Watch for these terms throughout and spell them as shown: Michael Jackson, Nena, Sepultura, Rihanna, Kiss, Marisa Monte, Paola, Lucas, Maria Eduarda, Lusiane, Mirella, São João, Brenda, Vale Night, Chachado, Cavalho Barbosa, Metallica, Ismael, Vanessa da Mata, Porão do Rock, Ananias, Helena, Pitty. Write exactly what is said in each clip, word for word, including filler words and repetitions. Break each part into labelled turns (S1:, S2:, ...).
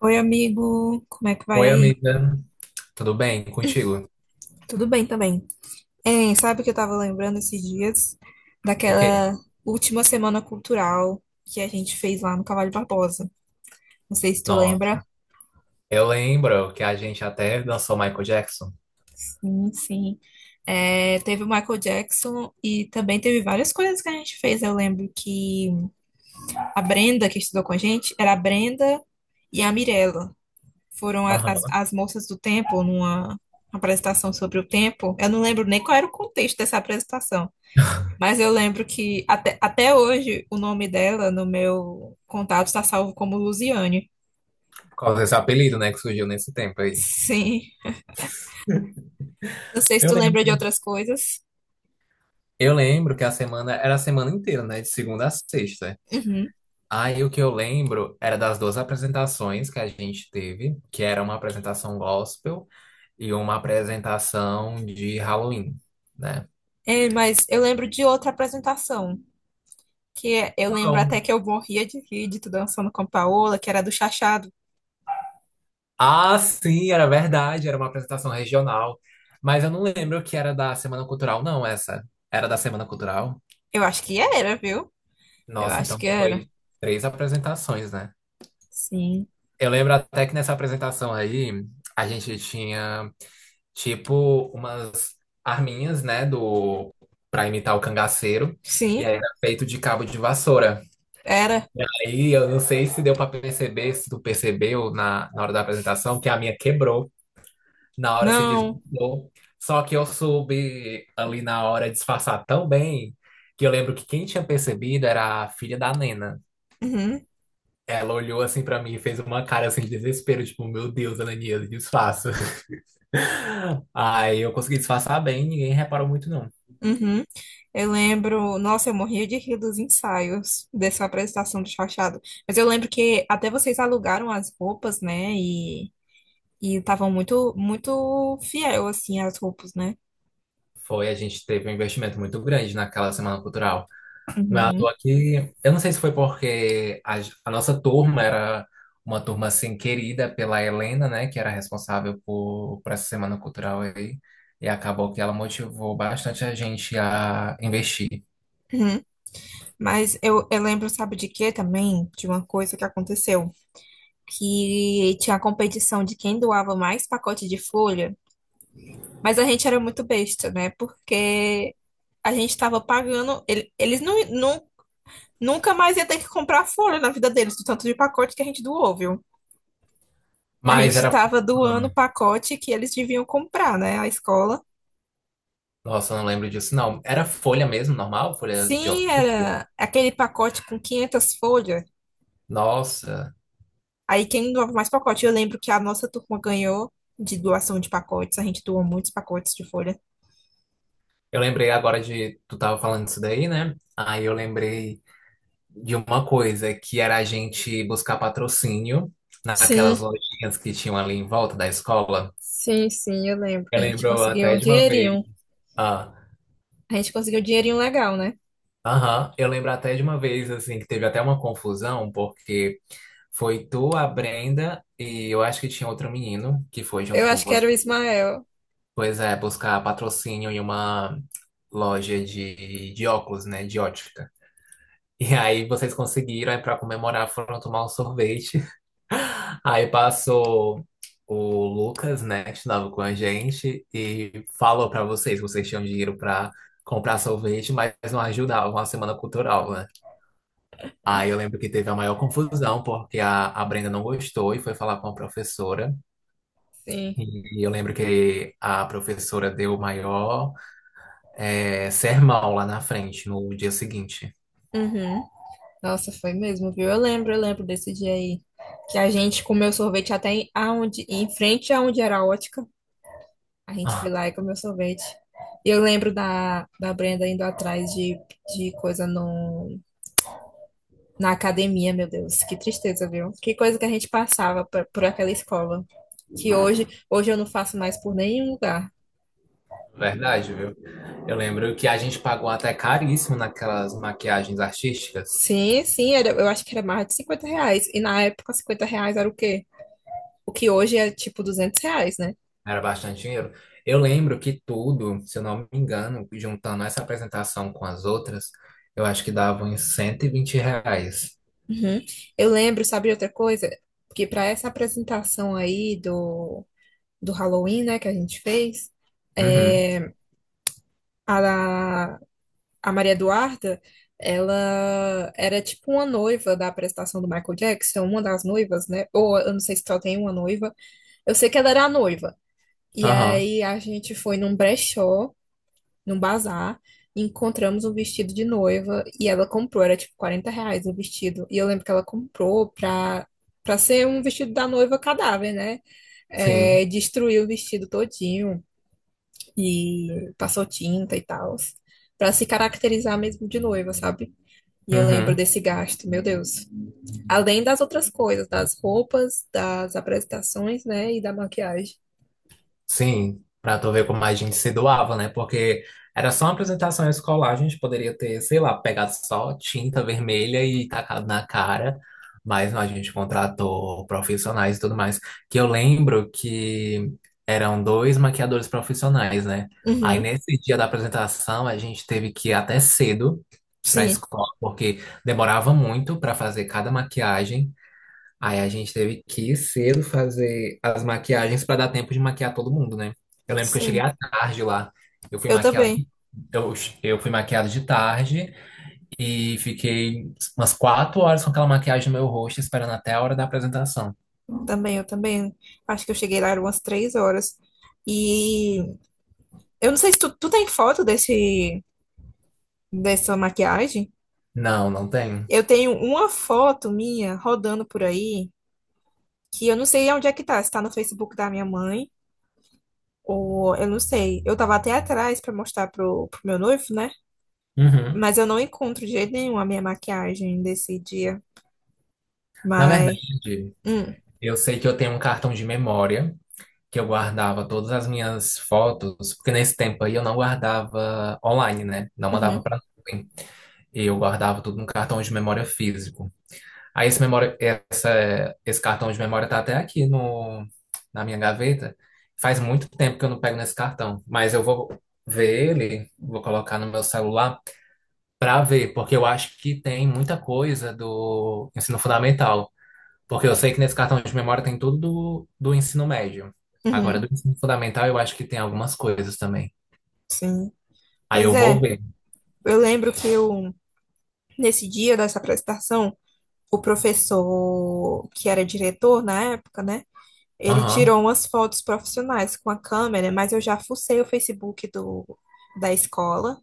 S1: Oi, amigo, como é que vai
S2: Oi,
S1: aí?
S2: amiga. Tudo bem contigo?
S1: Tudo bem também. Hein, sabe que eu tava lembrando esses dias
S2: O quê?
S1: daquela última semana cultural que a gente fez lá no Cavalho Barbosa. Não sei se tu lembra.
S2: Nossa, eu lembro que a gente até dançou Michael Jackson.
S1: Sim, sim. É, teve o Michael Jackson e também teve várias coisas que a gente fez. Eu lembro que a Brenda, que estudou com a gente, era a Brenda e a Mirella. Foram a- as,
S2: Aham.
S1: as moças do tempo numa apresentação sobre o tempo. Eu não lembro nem qual era o contexto dessa apresentação. Mas eu lembro que até, até hoje o nome dela no meu contato está salvo como Lusiane.
S2: Por causa desse apelido, né, que surgiu nesse tempo aí.
S1: Sim. Não sei se
S2: Eu
S1: tu
S2: lembro.
S1: lembra de outras coisas.
S2: Eu lembro que a semana era a semana inteira, né, de segunda a sexta.
S1: Uhum.
S2: Aí o que eu lembro era das duas apresentações que a gente teve, que era uma apresentação gospel e uma apresentação de Halloween, né?
S1: É, mas eu lembro de outra apresentação, que é- eu lembro até
S2: Qual?
S1: que eu morria de rir de tu dançando com a Paola, que era do Chachado.
S2: Ah, sim, era verdade, era uma apresentação regional. Mas eu não lembro que era da Semana Cultural, não, essa. Era da Semana Cultural?
S1: Eu acho que era, viu? Eu
S2: Nossa,
S1: acho
S2: então
S1: que era.
S2: foi três apresentações, né?
S1: Sim.
S2: Eu lembro até que nessa apresentação aí, a gente tinha, tipo, umas arminhas, né, do pra imitar o cangaceiro. E
S1: Sim,
S2: aí era feito de cabo de vassoura.
S1: era.
S2: E aí, eu não sei se deu pra perceber, se tu percebeu na, na hora da apresentação, que a minha quebrou. Na hora se
S1: Não.
S2: desmontou. Só que eu soube ali na hora disfarçar tão bem que eu lembro que quem tinha percebido era a filha da Nena.
S1: Uhum.
S2: Ela olhou assim pra mim e fez uma cara assim de desespero, tipo, meu Deus, Ananias, disfarça. Aí eu consegui disfarçar bem, ninguém reparou muito não.
S1: Uhum. Eu lembro, nossa, eu morria de rir dos ensaios dessa apresentação de Chachado. Mas eu lembro que até vocês alugaram as roupas, né? E e estavam muito muito fiel assim às roupas, né?
S2: Foi, a gente teve um investimento muito grande naquela semana cultural. Ah, tô
S1: Uhum.
S2: aqui. Eu não sei se foi porque a, a, nossa turma era uma turma assim querida pela Helena, né, que era responsável por, por essa semana cultural aí, e acabou que ela motivou bastante a gente a investir.
S1: Uhum. Mas eu, eu lembro, sabe de quê também? De uma coisa que aconteceu, que tinha a competição de quem doava mais pacote de folha, mas a gente era muito besta, né? Porque a gente estava pagando, ele- eles não, não nunca mais ia ter que comprar folha na vida deles, do tanto de pacote que a gente doou, viu? A
S2: Mas
S1: gente
S2: era.
S1: estava doando o
S2: Ah,
S1: pacote que eles deviam comprar, né? A escola.
S2: nossa, eu não lembro disso, não. Era folha mesmo, normal, folha de
S1: Sim,
S2: ofício.
S1: era aquele pacote com quinhentas folhas.
S2: Nossa,
S1: Aí quem doava mais pacote? Eu lembro que a nossa turma ganhou de doação de pacotes. A gente doou muitos pacotes de folha.
S2: eu lembrei agora de. Tu tava falando disso daí, né? Aí eu lembrei de uma coisa que era a gente buscar patrocínio
S1: Sim,
S2: naquelas lojinhas que tinham ali em volta da escola.
S1: sim, sim, eu lembro
S2: Eu
S1: que a gente
S2: lembro
S1: conseguiu
S2: até
S1: um
S2: de uma vez.
S1: dinheirinho.
S2: Ah,
S1: A gente conseguiu um dinheirinho legal, né?
S2: aham, eu lembro até de uma vez assim que teve até uma confusão, porque foi tu, a Brenda e eu acho que tinha outro menino que foi junto
S1: Eu
S2: com
S1: acho que
S2: você.
S1: era o Ismael.
S2: Pois é, buscar patrocínio em uma loja de, de óculos, né, de ótica. E aí vocês conseguiram, aí para comemorar foram tomar um sorvete. Aí passou o Lucas, né, que estudava com a gente, e falou pra vocês que vocês tinham dinheiro pra comprar sorvete, mas não ajudavam a semana cultural, né? Aí eu lembro que teve a maior confusão, porque a, a Brenda não gostou e foi falar com a professora.
S1: Sim.
S2: E eu lembro que a professora deu o maior eh, sermão lá na frente, no dia seguinte.
S1: Uhum. Nossa, foi mesmo, viu? Eu lembro, eu lembro desse dia aí. Que a gente comeu sorvete até em, aonde, em frente aonde era a ótica. A gente foi lá e comeu sorvete. E eu lembro da, da Brenda indo atrás de, de coisa no, na academia, meu Deus. Que tristeza, viu? Que coisa que a gente passava por, por aquela escola. Que hoje, hoje eu não faço mais por nenhum lugar.
S2: Verdade, viu? Eu lembro que a gente pagou até caríssimo naquelas maquiagens artísticas.
S1: Sim, sim, era, eu acho que era mais de cinquenta reais. E na época, cinquenta reais era o quê? O que hoje é tipo duzentos reais, né?
S2: Era bastante dinheiro. Eu lembro que tudo, se eu não me engano, juntando essa apresentação com as outras, eu acho que dava uns cento e vinte reais.
S1: Uhum. Eu lembro, sabe, de outra coisa? Porque para essa apresentação aí do, do Halloween, né, que a gente fez,
S2: Uhum.
S1: é, a, a Maria Eduarda, ela era tipo uma noiva da apresentação do Michael Jackson, uma das noivas, né? Ou eu não sei se só tem uma noiva. Eu sei que ela era a noiva. E
S2: Aham.
S1: aí a gente foi num brechó num bazar, e encontramos um vestido de noiva e ela comprou, era tipo quarenta reais o vestido. E eu lembro que ela comprou pra, pra ser um vestido da noiva cadáver, né?
S2: Sim.
S1: É, destruiu o vestido todinho e passou tinta e tal, pra se caracterizar mesmo de noiva, sabe? E eu lembro
S2: Uhum.
S1: desse gasto, meu Deus. Além das outras coisas, das roupas, das apresentações, né, e da maquiagem.
S2: Sim, pra tu ver como a gente se doava, né? Porque era só uma apresentação escolar, a gente poderia ter, sei lá, pegado só tinta vermelha e tacado na cara, mas não, a gente contratou profissionais e tudo mais. Que eu lembro que eram dois maquiadores profissionais, né? Aí
S1: Uhum,
S2: nesse dia da apresentação a gente teve que ir até cedo pra
S1: sim,
S2: escola, porque demorava muito pra fazer cada maquiagem. Aí a gente teve que ir cedo fazer as maquiagens para dar tempo de maquiar todo mundo, né? Eu lembro que eu cheguei
S1: sim.
S2: à tarde lá. Eu fui
S1: Eu
S2: maquiado,
S1: também.
S2: eu, eu fui maquiado de tarde e fiquei umas quatro horas com aquela maquiagem no meu rosto, esperando até a hora da apresentação.
S1: Também, eu também. Acho que eu cheguei lá eram umas três horas. E eu não sei se tu, tu tem foto desse, dessa maquiagem.
S2: Não, não tenho.
S1: Eu tenho uma foto minha rodando por aí, que eu não sei onde é que tá. Se tá no Facebook da minha mãe, ou eu não sei. Eu tava até atrás pra mostrar pro, pro meu noivo, né?
S2: Uhum.
S1: Mas eu não encontro de jeito nenhum a minha maquiagem desse dia.
S2: Na verdade,
S1: Mas. Hum,
S2: eu sei que eu tenho um cartão de memória que eu guardava todas as minhas fotos, porque nesse tempo aí eu não guardava online, né? Não mandava
S1: uhum,
S2: para nuvem. Eu guardava tudo num cartão de memória físico. Aí esse memória, essa, esse cartão de memória tá até aqui no, na minha gaveta. Faz muito tempo que eu não pego nesse cartão, mas eu vou ver ele, vou colocar no meu celular para ver, porque eu acho que tem muita coisa do ensino fundamental, porque eu sei que nesse cartão de memória tem tudo do, do ensino médio. Agora,
S1: uhum,
S2: do ensino fundamental, eu acho que tem algumas coisas também.
S1: sim.
S2: Aí
S1: Pois
S2: eu vou
S1: é,
S2: ver.
S1: eu lembro que eu, nesse dia dessa apresentação. O professor que era diretor na época, né? Ele
S2: Aham,
S1: tirou umas fotos profissionais com a câmera, mas eu já fucei o Facebook do, da escola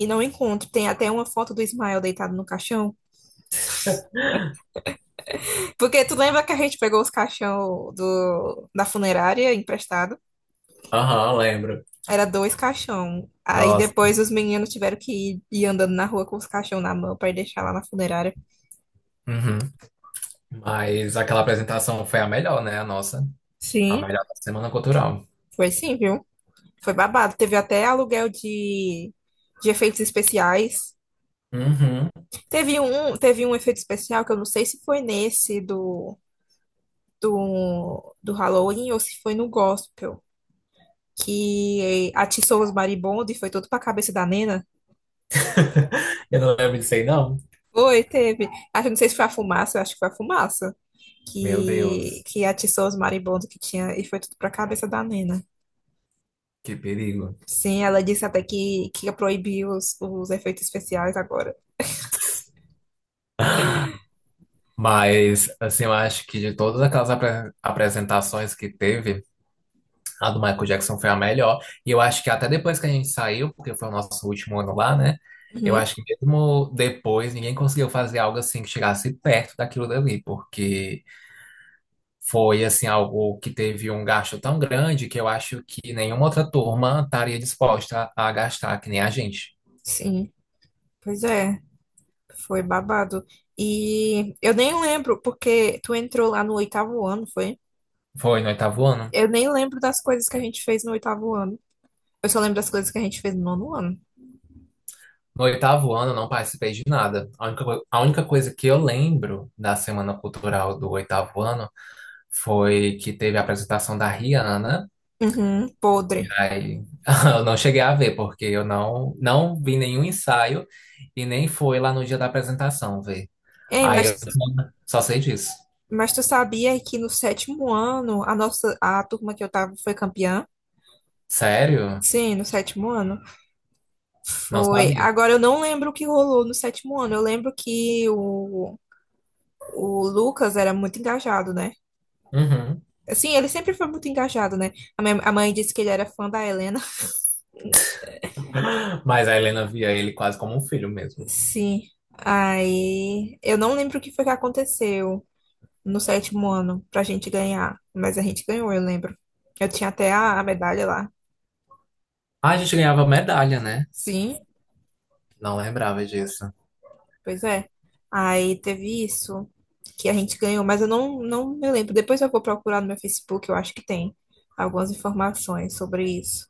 S1: e não encontro. Tem até uma foto do Ismael deitado no caixão. Porque tu lembra que a gente pegou os caixão do, da funerária emprestado?
S2: aham, lembro.
S1: Era dois caixão. Aí
S2: Nossa.
S1: depois os meninos tiveram que ir, ir andando na rua com os caixão na mão para deixar lá na funerária.
S2: Uhum. Mas aquela apresentação foi a melhor, né? A nossa. A
S1: Sim,
S2: melhor da Semana Cultural.
S1: foi sim, viu? Foi babado. Teve até aluguel de, de efeitos especiais.
S2: Uhum.
S1: Teve um, teve um efeito especial que eu não sei se foi nesse do, do, do Halloween ou se foi no Gospel, que atiçou os marimbondos e foi todo pra cabeça da Nena.
S2: Eu não lembro disso aí, não.
S1: Foi, teve. Acho, não sei se foi a fumaça, eu acho que foi a fumaça
S2: Meu
S1: que,
S2: Deus,
S1: que atiçou os marimbondos que tinha e foi tudo pra cabeça da Nena.
S2: que perigo.
S1: Sim, ela disse até que, que ia proibir os, os efeitos especiais agora.
S2: Mas, assim, eu acho que de todas aquelas apre- apresentações que teve, a do Michael Jackson foi a melhor. E eu acho que até depois que a gente saiu, porque foi o nosso último ano lá, né? Eu
S1: Uhum,
S2: acho que mesmo depois, ninguém conseguiu fazer algo assim que chegasse perto daquilo dali, porque. Foi assim algo que teve um gasto tão grande que eu acho que nenhuma outra turma estaria disposta a gastar que nem a gente.
S1: sim, pois é. Foi babado. E eu nem lembro, porque tu entrou lá no oitavo ano, foi?
S2: Foi no oitavo ano.
S1: Eu nem lembro das coisas que a gente fez no oitavo ano. Eu só lembro das coisas que a gente fez no nono ano.
S2: No oitavo ano eu não participei de nada. A única, co- a única coisa que eu lembro da Semana Cultural do oitavo ano foi que teve a apresentação da Rihanna, né?
S1: Uhum,
S2: E
S1: podre.
S2: aí eu não cheguei a ver, porque eu não, não vi nenhum ensaio e nem fui lá no dia da apresentação ver.
S1: Ei,
S2: Aí
S1: mas,
S2: eu só só sei disso.
S1: mas tu sabia que no sétimo ano, a nossa, a turma que eu tava foi campeã?
S2: Sério?
S1: Sim, no sétimo ano.
S2: Não
S1: Foi.
S2: sabia.
S1: Agora eu não lembro o que rolou no sétimo ano. Eu lembro que o, o Lucas era muito engajado, né?
S2: Uhum.
S1: Sim, ele sempre foi muito engajado, né? A minha- a mãe disse que ele era fã da Helena.
S2: Mas a Helena via ele quase como um filho mesmo.
S1: Sim. Aí, eu não lembro o que foi que aconteceu no sétimo ano pra gente ganhar, mas a gente ganhou, eu lembro. Eu tinha até a, a medalha lá.
S2: Ah, a gente ganhava medalha, né?
S1: Sim,
S2: Não lembrava disso.
S1: pois é. Aí teve isso que a gente ganhou, mas eu não, não me lembro. Depois eu vou procurar no meu Facebook, eu acho que tem algumas informações sobre isso.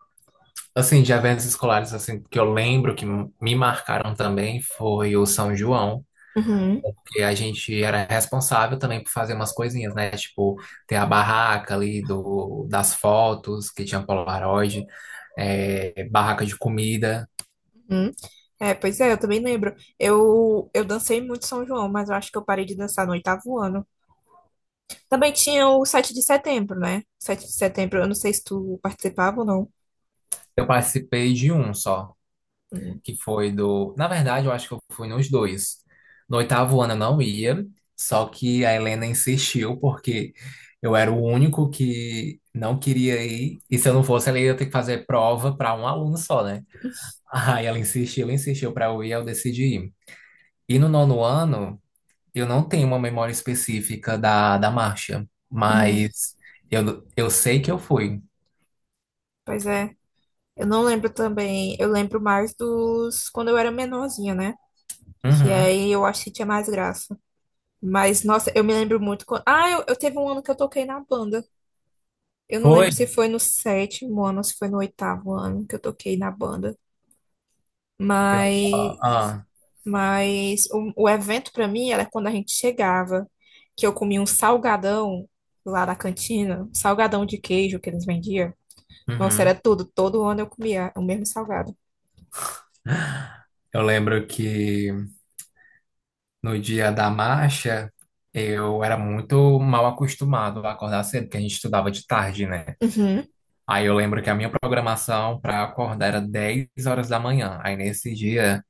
S2: Assim, de eventos escolares, assim, que eu lembro que me marcaram também foi o São João,
S1: Uhum.
S2: porque a gente era responsável também por fazer umas coisinhas, né? Tipo, ter a barraca ali do, das fotos, que tinha Polaroid, é, barraca de comida.
S1: Hum. É, pois é, eu também lembro. Eu, eu dancei muito São João, mas eu acho que eu parei de dançar no oitavo ano. Também tinha o sete de setembro, né? sete de setembro, eu não sei se tu participava ou não.
S2: Eu participei de um só,
S1: Hum.
S2: que foi do. Na verdade, eu acho que eu fui nos dois. No oitavo ano eu não ia, só que a Helena insistiu, porque eu era o único que não queria ir, e se eu não fosse, ela ia ter que fazer prova para um aluno só, né? Aí ela insistiu, insistiu para eu ir, eu decidi ir. E no nono ano, eu não tenho uma memória específica da, da marcha,
S1: Uhum.
S2: mas eu, eu sei que eu fui.
S1: Pois é, eu não lembro também. Eu lembro mais dos quando eu era menorzinha, né? Que
S2: Uhum.
S1: aí eu acho que tinha mais graça. Mas, nossa, eu me lembro muito. Quando. Ah, eu, eu teve um ano que eu toquei na banda. Eu não
S2: Foi.
S1: lembro se foi no sétimo ano ou se foi no oitavo ano que eu toquei na banda,
S2: Eu,
S1: mas,
S2: ah,
S1: mas o, o evento pra mim era quando a gente chegava, que eu comia um salgadão lá na cantina, um salgadão de queijo que eles vendiam. Nossa, era
S2: uhum.
S1: tudo, todo ano eu comia o mesmo salgado.
S2: Eu lembro que. No dia da marcha, eu era muito mal acostumado a acordar cedo, porque a gente estudava de tarde, né?
S1: Uhum,
S2: Aí eu lembro que a minha programação para acordar era dez horas da manhã. Aí nesse dia,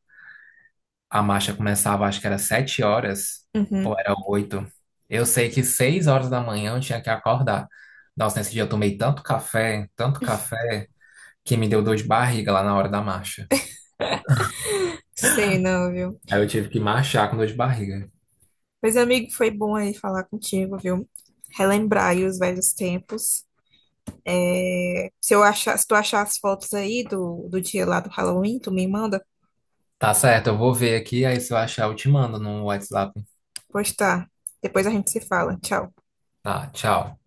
S2: a marcha começava, acho que era sete horas,
S1: uhum.
S2: ou era oito. Eu sei que seis horas da manhã eu tinha que acordar. Nossa, nesse dia eu tomei tanto café, tanto café, que me deu dor de barriga lá na hora da marcha.
S1: Sei não, viu?
S2: Aí eu tive que marchar com dor de barriga.
S1: Mas, amigo, foi bom aí falar contigo, viu? Relembrar aí os velhos tempos. É, se eu achar, se tu achar as fotos aí do, do dia lá do Halloween, tu me manda.
S2: Tá certo, eu vou ver aqui, aí se eu achar eu te mando no WhatsApp.
S1: Pois tá. Depois a gente se fala. Tchau.
S2: Tá, tchau.